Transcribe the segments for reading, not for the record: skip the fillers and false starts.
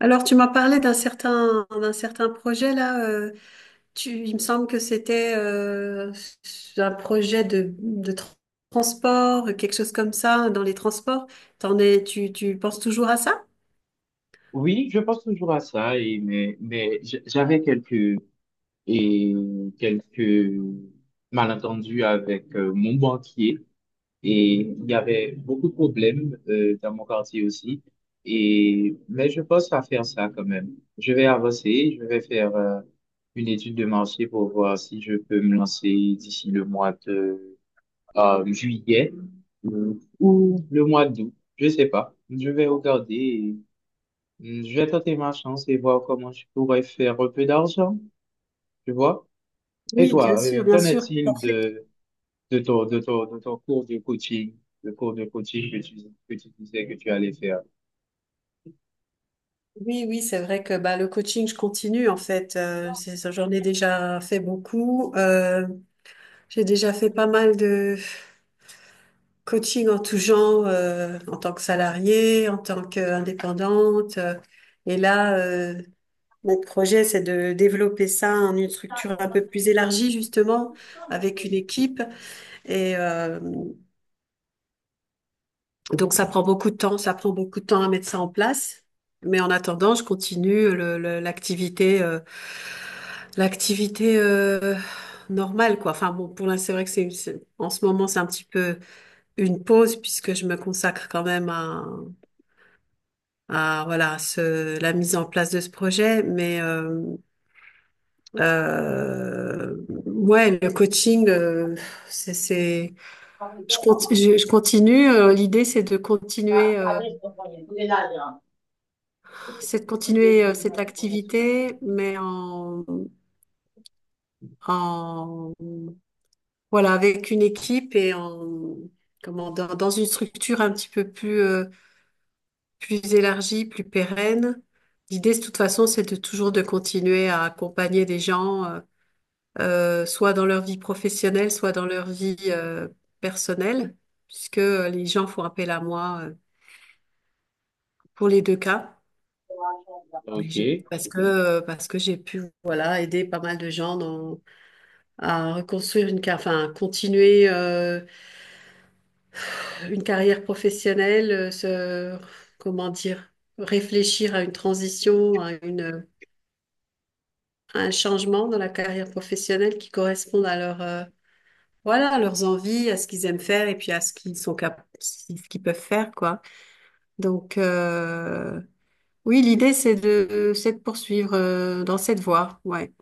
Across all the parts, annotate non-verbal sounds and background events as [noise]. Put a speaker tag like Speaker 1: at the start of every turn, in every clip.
Speaker 1: Alors, tu m'as parlé d'un certain projet là. Il me semble que c'était un projet de transport, quelque chose comme ça, dans les transports. Tu penses toujours à ça?
Speaker 2: Oui, je pense toujours à ça, et, mais, j'avais et, quelques malentendus avec mon banquier et il y avait beaucoup de problèmes dans mon quartier aussi. Et, mais je pense à faire ça quand même. Je vais avancer, je vais faire une étude de marché pour voir si je peux me lancer d'ici le mois de juillet euh, ou le mois d'août. Je sais pas. Je vais regarder. Hmm. Je vais tenter ma chance et voir comment je pourrais faire un peu d'argent, tu vois. Et
Speaker 1: Oui, bien
Speaker 2: toi,
Speaker 1: sûr, bien
Speaker 2: qu'en
Speaker 1: sûr. En
Speaker 2: est-il
Speaker 1: fait,
Speaker 2: de, de ton cours de coaching, le cours de coaching que tu disais que tu allais faire?
Speaker 1: oui, oui, c'est vrai que bah, le coaching, je continue en fait. C'est ça, j'en ai déjà fait beaucoup. J'ai déjà fait pas mal de coaching en tout genre, en tant que salariée, en tant qu'indépendante. Là, mon projet, c'est de développer ça en une structure un peu plus élargie, justement, avec une équipe. Et euh, donc, ça prend beaucoup de temps, ça prend beaucoup de temps à mettre ça en place. Mais en attendant, je continue l'activité, l'activité euh, normale, quoi. Enfin, bon, pour l'instant, c'est vrai que en ce moment, c'est un petit peu une pause puisque je me consacre quand même à voilà la mise en place de ce projet mais euh, ouais, le coaching c'est je continue. L'idée, c'est de continuer cette activité mais en en voilà, avec une équipe et en comment dans une structure un petit peu plus plus élargie, plus pérenne. L'idée, de toute façon, c'est de continuer à accompagner des gens, soit dans leur vie professionnelle, soit dans leur vie personnelle, puisque les gens font appel à moi pour les deux cas.
Speaker 2: OK.
Speaker 1: Parce que j'ai pu voilà, aider pas mal de gens, à reconstruire une carrière, enfin, continuer une carrière professionnelle, comment dire, réfléchir à une transition, à une un changement dans la carrière professionnelle qui corresponde à voilà, à leurs envies, à ce qu'ils aiment faire et puis à ce qu'ils sont cap- si, ce qu'ils peuvent faire, quoi. Donc, oui, l'idée, c'est c'est de poursuivre, dans cette voie, ouais.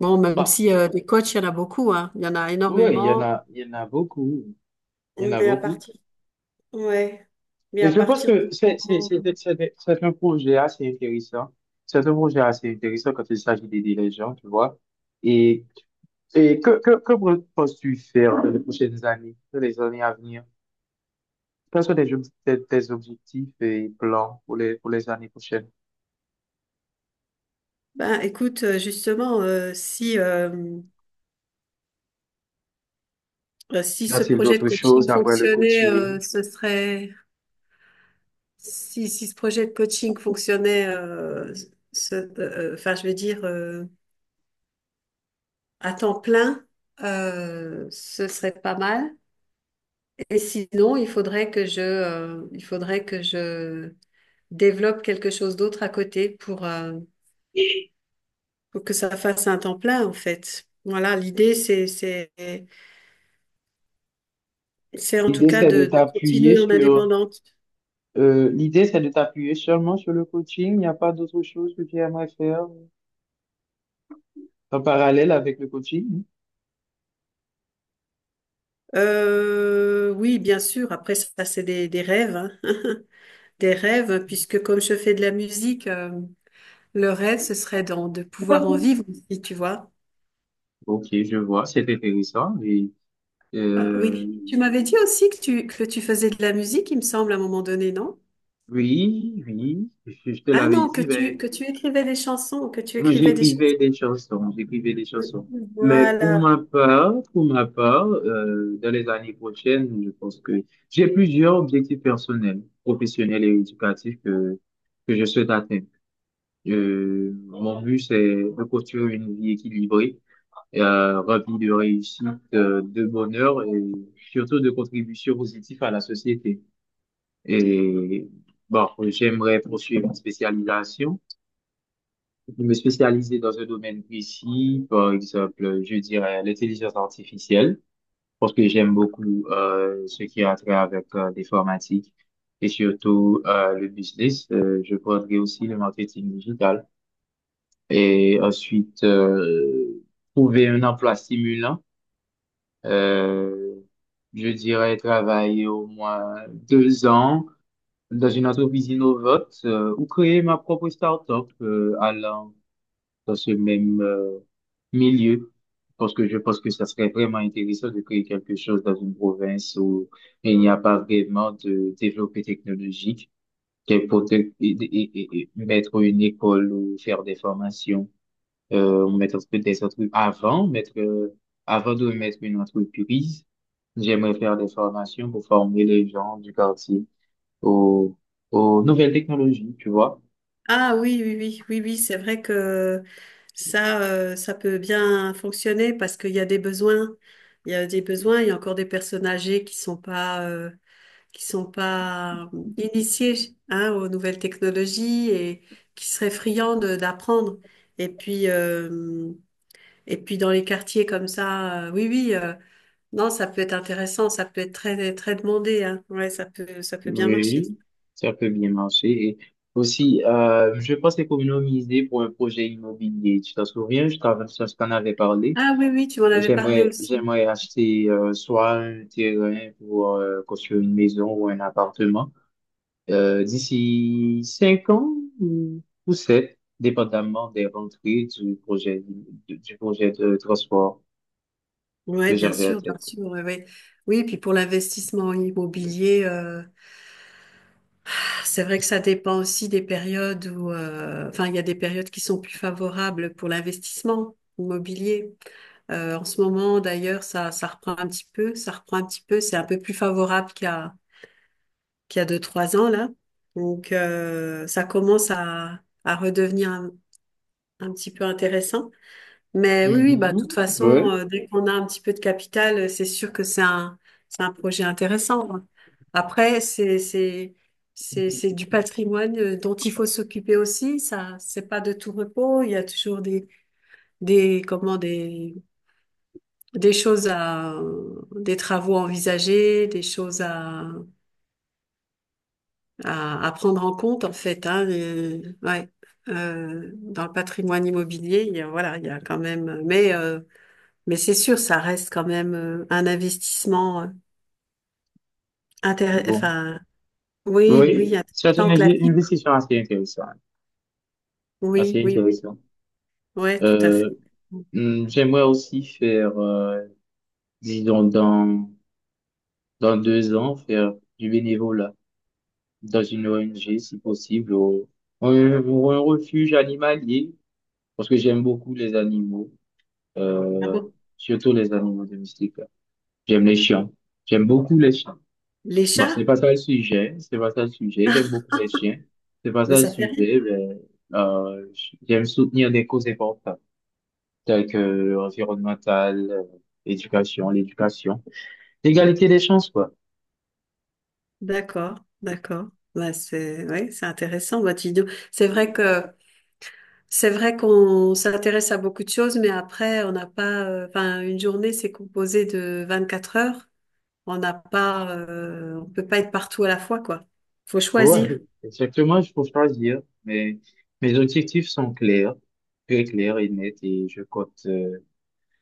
Speaker 1: Bon, même
Speaker 2: Bah,
Speaker 1: si, des coachs, il y en a beaucoup, hein. Il y en a
Speaker 2: ouais,
Speaker 1: énormément.
Speaker 2: il y en a beaucoup. Il y en a
Speaker 1: Mais à
Speaker 2: beaucoup.
Speaker 1: partir, ouais. Mais
Speaker 2: Et
Speaker 1: à
Speaker 2: je pense
Speaker 1: partir du
Speaker 2: que
Speaker 1: moment.
Speaker 2: c'est un projet assez intéressant. C'est un projet assez intéressant quand il s'agit d'aider les gens, tu vois. Et, que penses-tu faire dans les prochaines années, dans les années à venir? Quels sont tes, tes objectifs et plans pour les années prochaines?
Speaker 1: Ben, écoute, justement, si
Speaker 2: Y
Speaker 1: ce
Speaker 2: a-t-il
Speaker 1: projet de
Speaker 2: d'autres choses
Speaker 1: coaching
Speaker 2: après le
Speaker 1: fonctionnait,
Speaker 2: coaching?
Speaker 1: ce serait. Si, si ce projet de coaching fonctionnait, enfin, je veux dire, à temps plein, ce serait pas mal. Et sinon, il faudrait que il faudrait que je développe quelque chose d'autre à côté pour que ça fasse un temps plein, en fait. Voilà, l'idée, c'est en tout
Speaker 2: L'idée,
Speaker 1: cas
Speaker 2: c'est de
Speaker 1: de
Speaker 2: t'appuyer
Speaker 1: continuer en
Speaker 2: sur,
Speaker 1: indépendante.
Speaker 2: l'idée, c'est de t'appuyer seulement sur le coaching. Il n'y a pas d'autre chose que tu aimerais faire en parallèle avec le coaching.
Speaker 1: Oui, bien sûr. Après, ça, c'est des rêves, hein. [laughs] Des rêves, puisque comme je fais de la musique, le rêve, ce serait de pouvoir en vivre aussi, tu vois.
Speaker 2: Ok, je vois, c'est intéressant. Et,
Speaker 1: Ah,
Speaker 2: euh,
Speaker 1: oui, tu m'avais dit aussi que que tu faisais de la musique, il me semble, à un moment donné, non?
Speaker 2: oui, oui, je te
Speaker 1: Ah
Speaker 2: l'avais
Speaker 1: non, que
Speaker 2: dit, Ben.
Speaker 1: que tu écrivais des chansons, que tu
Speaker 2: Oui,
Speaker 1: écrivais des chansons.
Speaker 2: j'écrivais des chansons, j'écrivais des chansons. Mais
Speaker 1: Voilà.
Speaker 2: pour ma part, dans les années prochaines, je pense que j'ai plusieurs objectifs personnels, professionnels et éducatifs que je souhaite atteindre. Mon but, c'est de construire une vie équilibrée, remplie de réussite, de bonheur et surtout de contribution positive à la société. Et bon, j'aimerais poursuivre une spécialisation, je me spécialiser dans un domaine précis. Par exemple, je dirais l'intelligence artificielle, parce que j'aime beaucoup ce qui a trait avec l'informatique et surtout le business. Je prendrai aussi le marketing digital et ensuite trouver un emploi stimulant. Euh, je dirais travailler au moins 2 ans dans une entreprise innovante ou créer ma propre start-up allant dans ce même milieu. Parce que je pense que ça serait vraiment intéressant de créer quelque chose dans une province où il n'y a pas vraiment de développé technologique, qu'elle peut et mettre une école ou faire des formations, ou mettre des entreprises. Avant de mettre une entreprise, j'aimerais faire des formations pour former les gens du quartier aux, aux nouvelles technologies, tu vois.
Speaker 1: Ah oui, oui, oui, oui, oui, c'est vrai que ça, ça peut bien fonctionner parce qu'il y a des besoins. Il y a des besoins, il y a encore des personnes âgées qui sont pas initiés, hein, aux nouvelles technologies et qui seraient friands d'apprendre. Et puis, euh, et puis dans les quartiers comme ça, oui, oui, non, ça peut être intéressant, ça peut être très, très demandé, hein. Ouais, ça peut bien marcher.
Speaker 2: Oui, ça peut bien marcher. Et aussi, je pense économiser pour un projet immobilier. Tu t'en souviens, je t'en avais parlé.
Speaker 1: Ah oui, oui, tu m'en
Speaker 2: Et
Speaker 1: avais parlé
Speaker 2: j'aimerais,
Speaker 1: aussi.
Speaker 2: j'aimerais acheter soit un terrain pour construire une maison ou un appartement d'ici 5 ans ou sept, dépendamment des rentrées du projet du projet de transport
Speaker 1: Oui,
Speaker 2: que j'avais en
Speaker 1: bien
Speaker 2: tête.
Speaker 1: sûr, ouais, ouais. Oui, puis pour l'investissement immobilier, c'est vrai que ça dépend aussi des périodes où, enfin, il y a des périodes qui sont plus favorables pour l'investissement immobilier. En ce moment, d'ailleurs, ça reprend un petit peu, ça reprend un petit peu, c'est un peu plus favorable qu'il y a deux, trois ans, là. Donc, ça commence à redevenir un petit peu intéressant. Mais oui, oui, bah, de toute
Speaker 2: Mhm,
Speaker 1: façon,
Speaker 2: ouais.
Speaker 1: dès qu'on a un petit peu de capital, c'est sûr que c'est un projet intéressant, hein. Après, c'est du patrimoine dont il faut s'occuper aussi. Ça, c'est pas de tout repos. Il y a toujours comment, des choses à, des travaux envisagés, des choses à, à prendre en compte en fait, hein, ouais. Dans le patrimoine immobilier, il y a, voilà, il y a quand même, mais c'est sûr, ça reste quand même un investissement
Speaker 2: Bon.
Speaker 1: enfin, oui,
Speaker 2: Oui,
Speaker 1: oui,
Speaker 2: c'est une
Speaker 1: intéressant,
Speaker 2: une
Speaker 1: classique,
Speaker 2: investition assez intéressante. Ah,
Speaker 1: oui,
Speaker 2: c'est
Speaker 1: oui, oui,
Speaker 2: intéressant.
Speaker 1: ouais, tout à fait.
Speaker 2: Euh, hmm, j'aimerais aussi faire, disons, dans, dans 2 ans, faire du bénévolat dans une ONG, si possible, ou, ou un refuge animalier, parce que j'aime beaucoup les animaux,
Speaker 1: Ah
Speaker 2: euh,
Speaker 1: bon?
Speaker 2: surtout les animaux domestiques. J'aime les chiens. J'aime beaucoup les chiens.
Speaker 1: Les
Speaker 2: Bon, c'est
Speaker 1: chats?
Speaker 2: pas ça le sujet, c'est pas ça le sujet. J'aime
Speaker 1: [laughs]
Speaker 2: beaucoup les chiens. C'est pas
Speaker 1: Mais
Speaker 2: ça le
Speaker 1: ça fait.
Speaker 2: sujet, mais, euh, j'aime soutenir des causes importantes, tels que l'environnemental, l'éducation, l'éducation. L'égalité des chances, quoi.
Speaker 1: D'accord, d'accord. Bah, c'est ouais, c'est intéressant votre vidéo. C'est vrai que c'est vrai qu'on s'intéresse à beaucoup de choses, mais après on n'a pas. Enfin, une journée c'est composé de 24 heures. On n'a pas. On peut pas être partout à la fois, quoi. Faut
Speaker 2: Ouais,
Speaker 1: choisir.
Speaker 2: exactement, il faut choisir. Mais mes objectifs sont clairs, très clairs et nets, et je compte euh,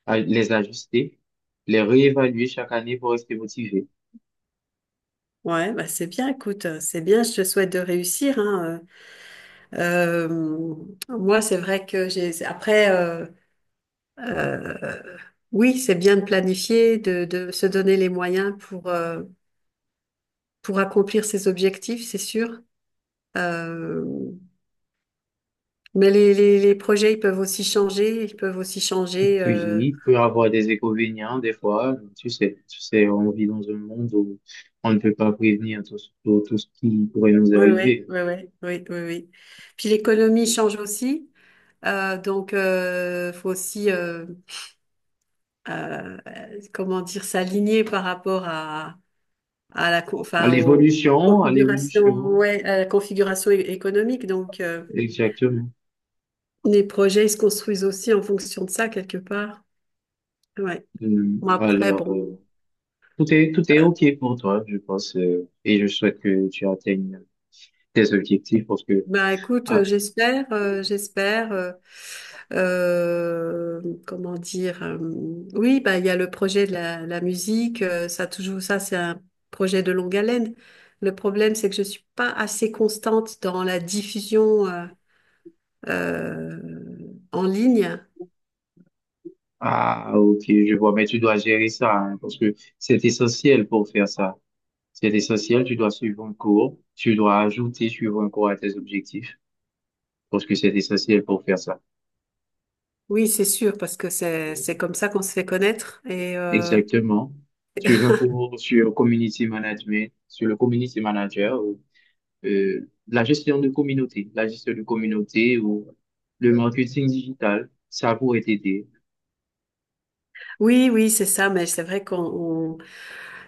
Speaker 2: à- les ajuster, les réévaluer chaque année pour rester motivé.
Speaker 1: Ouais, bah c'est bien. Écoute, c'est bien. Je te souhaite de réussir, hein. Euh, euh, Moi, c'est vrai que j'ai. Après, euh, oui, c'est bien de planifier, de se donner les moyens pour. Pour accomplir ses objectifs, c'est sûr. Euh, mais les projets, ils peuvent aussi changer, ils peuvent aussi changer.
Speaker 2: Puis, il peut avoir des inconvénients des fois. Tu sais, on vit dans un monde où on ne peut pas prévenir tout, tout ce qui pourrait nous
Speaker 1: Oui, oui,
Speaker 2: arriver.
Speaker 1: oui, oui, oui, oui, oui. Puis l'économie change aussi, donc faut aussi, euh, comment dire, s'aligner par rapport à enfin, aux
Speaker 2: À
Speaker 1: configurations,
Speaker 2: l'évolution,
Speaker 1: ouais, à la configuration économique. Donc
Speaker 2: exactement.
Speaker 1: les projets, ils se construisent aussi en fonction de ça quelque part. Ouais.
Speaker 2: Hmm.
Speaker 1: Bon, après,
Speaker 2: Alors,
Speaker 1: bon.
Speaker 2: tout est OK pour toi, je pense, et je souhaite que tu atteignes tes objectifs parce que,
Speaker 1: Bah écoute,
Speaker 2: ah,
Speaker 1: j'espère, j'espère. Comment dire? Oui, bah il y a le projet de la musique. Ça toujours, ça c'est un projet de longue haleine. Le problème, c'est que je suis pas assez constante dans la diffusion, euh, en ligne.
Speaker 2: ah, OK, je vois, mais tu dois gérer ça, hein, parce que c'est essentiel pour faire ça. C'est essentiel, tu dois suivre un cours, tu dois ajouter suivre un cours à tes objectifs, parce que c'est essentiel pour faire ça.
Speaker 1: Oui, c'est sûr, parce que c'est comme ça qu'on se fait connaître. Et
Speaker 2: Exactement. Tu veux un cours sur community management, sur le community manager, la gestion de communauté, la gestion de communauté ou le marketing digital, ça pourrait t'aider.
Speaker 1: oui, oui, c'est ça. Mais c'est vrai qu'on.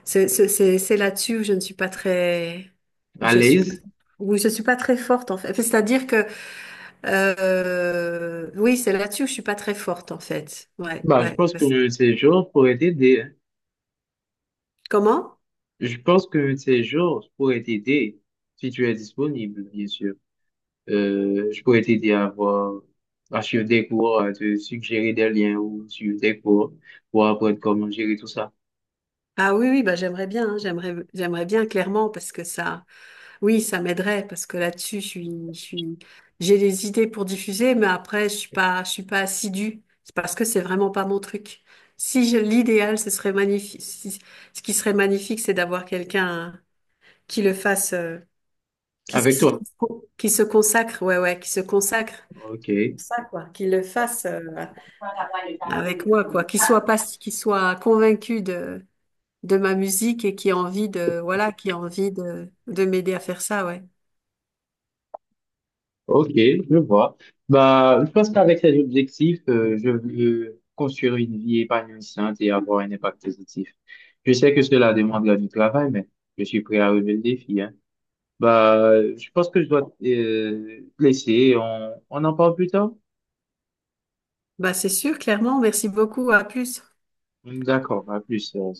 Speaker 1: C'est là-dessus où je ne suis pas très, où
Speaker 2: À
Speaker 1: je suis pas,
Speaker 2: l'aise,
Speaker 1: où je suis pas très forte en fait. C'est-à-dire que, oui, c'est là-dessus où je suis pas très forte en fait. Ouais,
Speaker 2: bah, je
Speaker 1: ouais.
Speaker 2: pense
Speaker 1: Parce-
Speaker 2: que ces jours pourraient t'aider, hein.
Speaker 1: Comment?
Speaker 2: Je pense que ces jours pourraient t'aider si tu es disponible, bien sûr. Je pourrais t'aider à avoir, à suivre des cours, à te suggérer des liens ou suivre des cours pour apprendre comment gérer tout ça
Speaker 1: Ah oui, oui, bah j'aimerais bien, hein, j'aimerais bien clairement parce que ça, oui, ça m'aiderait parce que là-dessus, je suis, j'ai des idées pour diffuser, mais après, je suis pas assidue. C'est parce que c'est vraiment pas mon truc. Si je- L'idéal, ce serait magnifique. Si- Ce qui serait magnifique, c'est d'avoir quelqu'un qui le fasse,
Speaker 2: avec toi.
Speaker 1: qui qui se consacre, ouais, ouais, qui se consacre
Speaker 2: Ok.
Speaker 1: pour ça, quoi, qu'il le fasse avec moi, quoi, qu'il soit pas, qu'il soit convaincu de ma musique et qui a envie de, voilà, qui a envie de m'aider à faire ça, ouais.
Speaker 2: Ok, je vois. Bah, je pense qu'avec cet objectif, je veux construire une vie épanouissante et avoir un impact positif. Je sais que cela demandera du travail, mais je suis prêt à relever le défi, hein. Bah, je pense que je dois te laisser. On en parle plus tard?
Speaker 1: Bah, c'est sûr, clairement. Merci beaucoup. À plus.
Speaker 2: D'accord, à plus.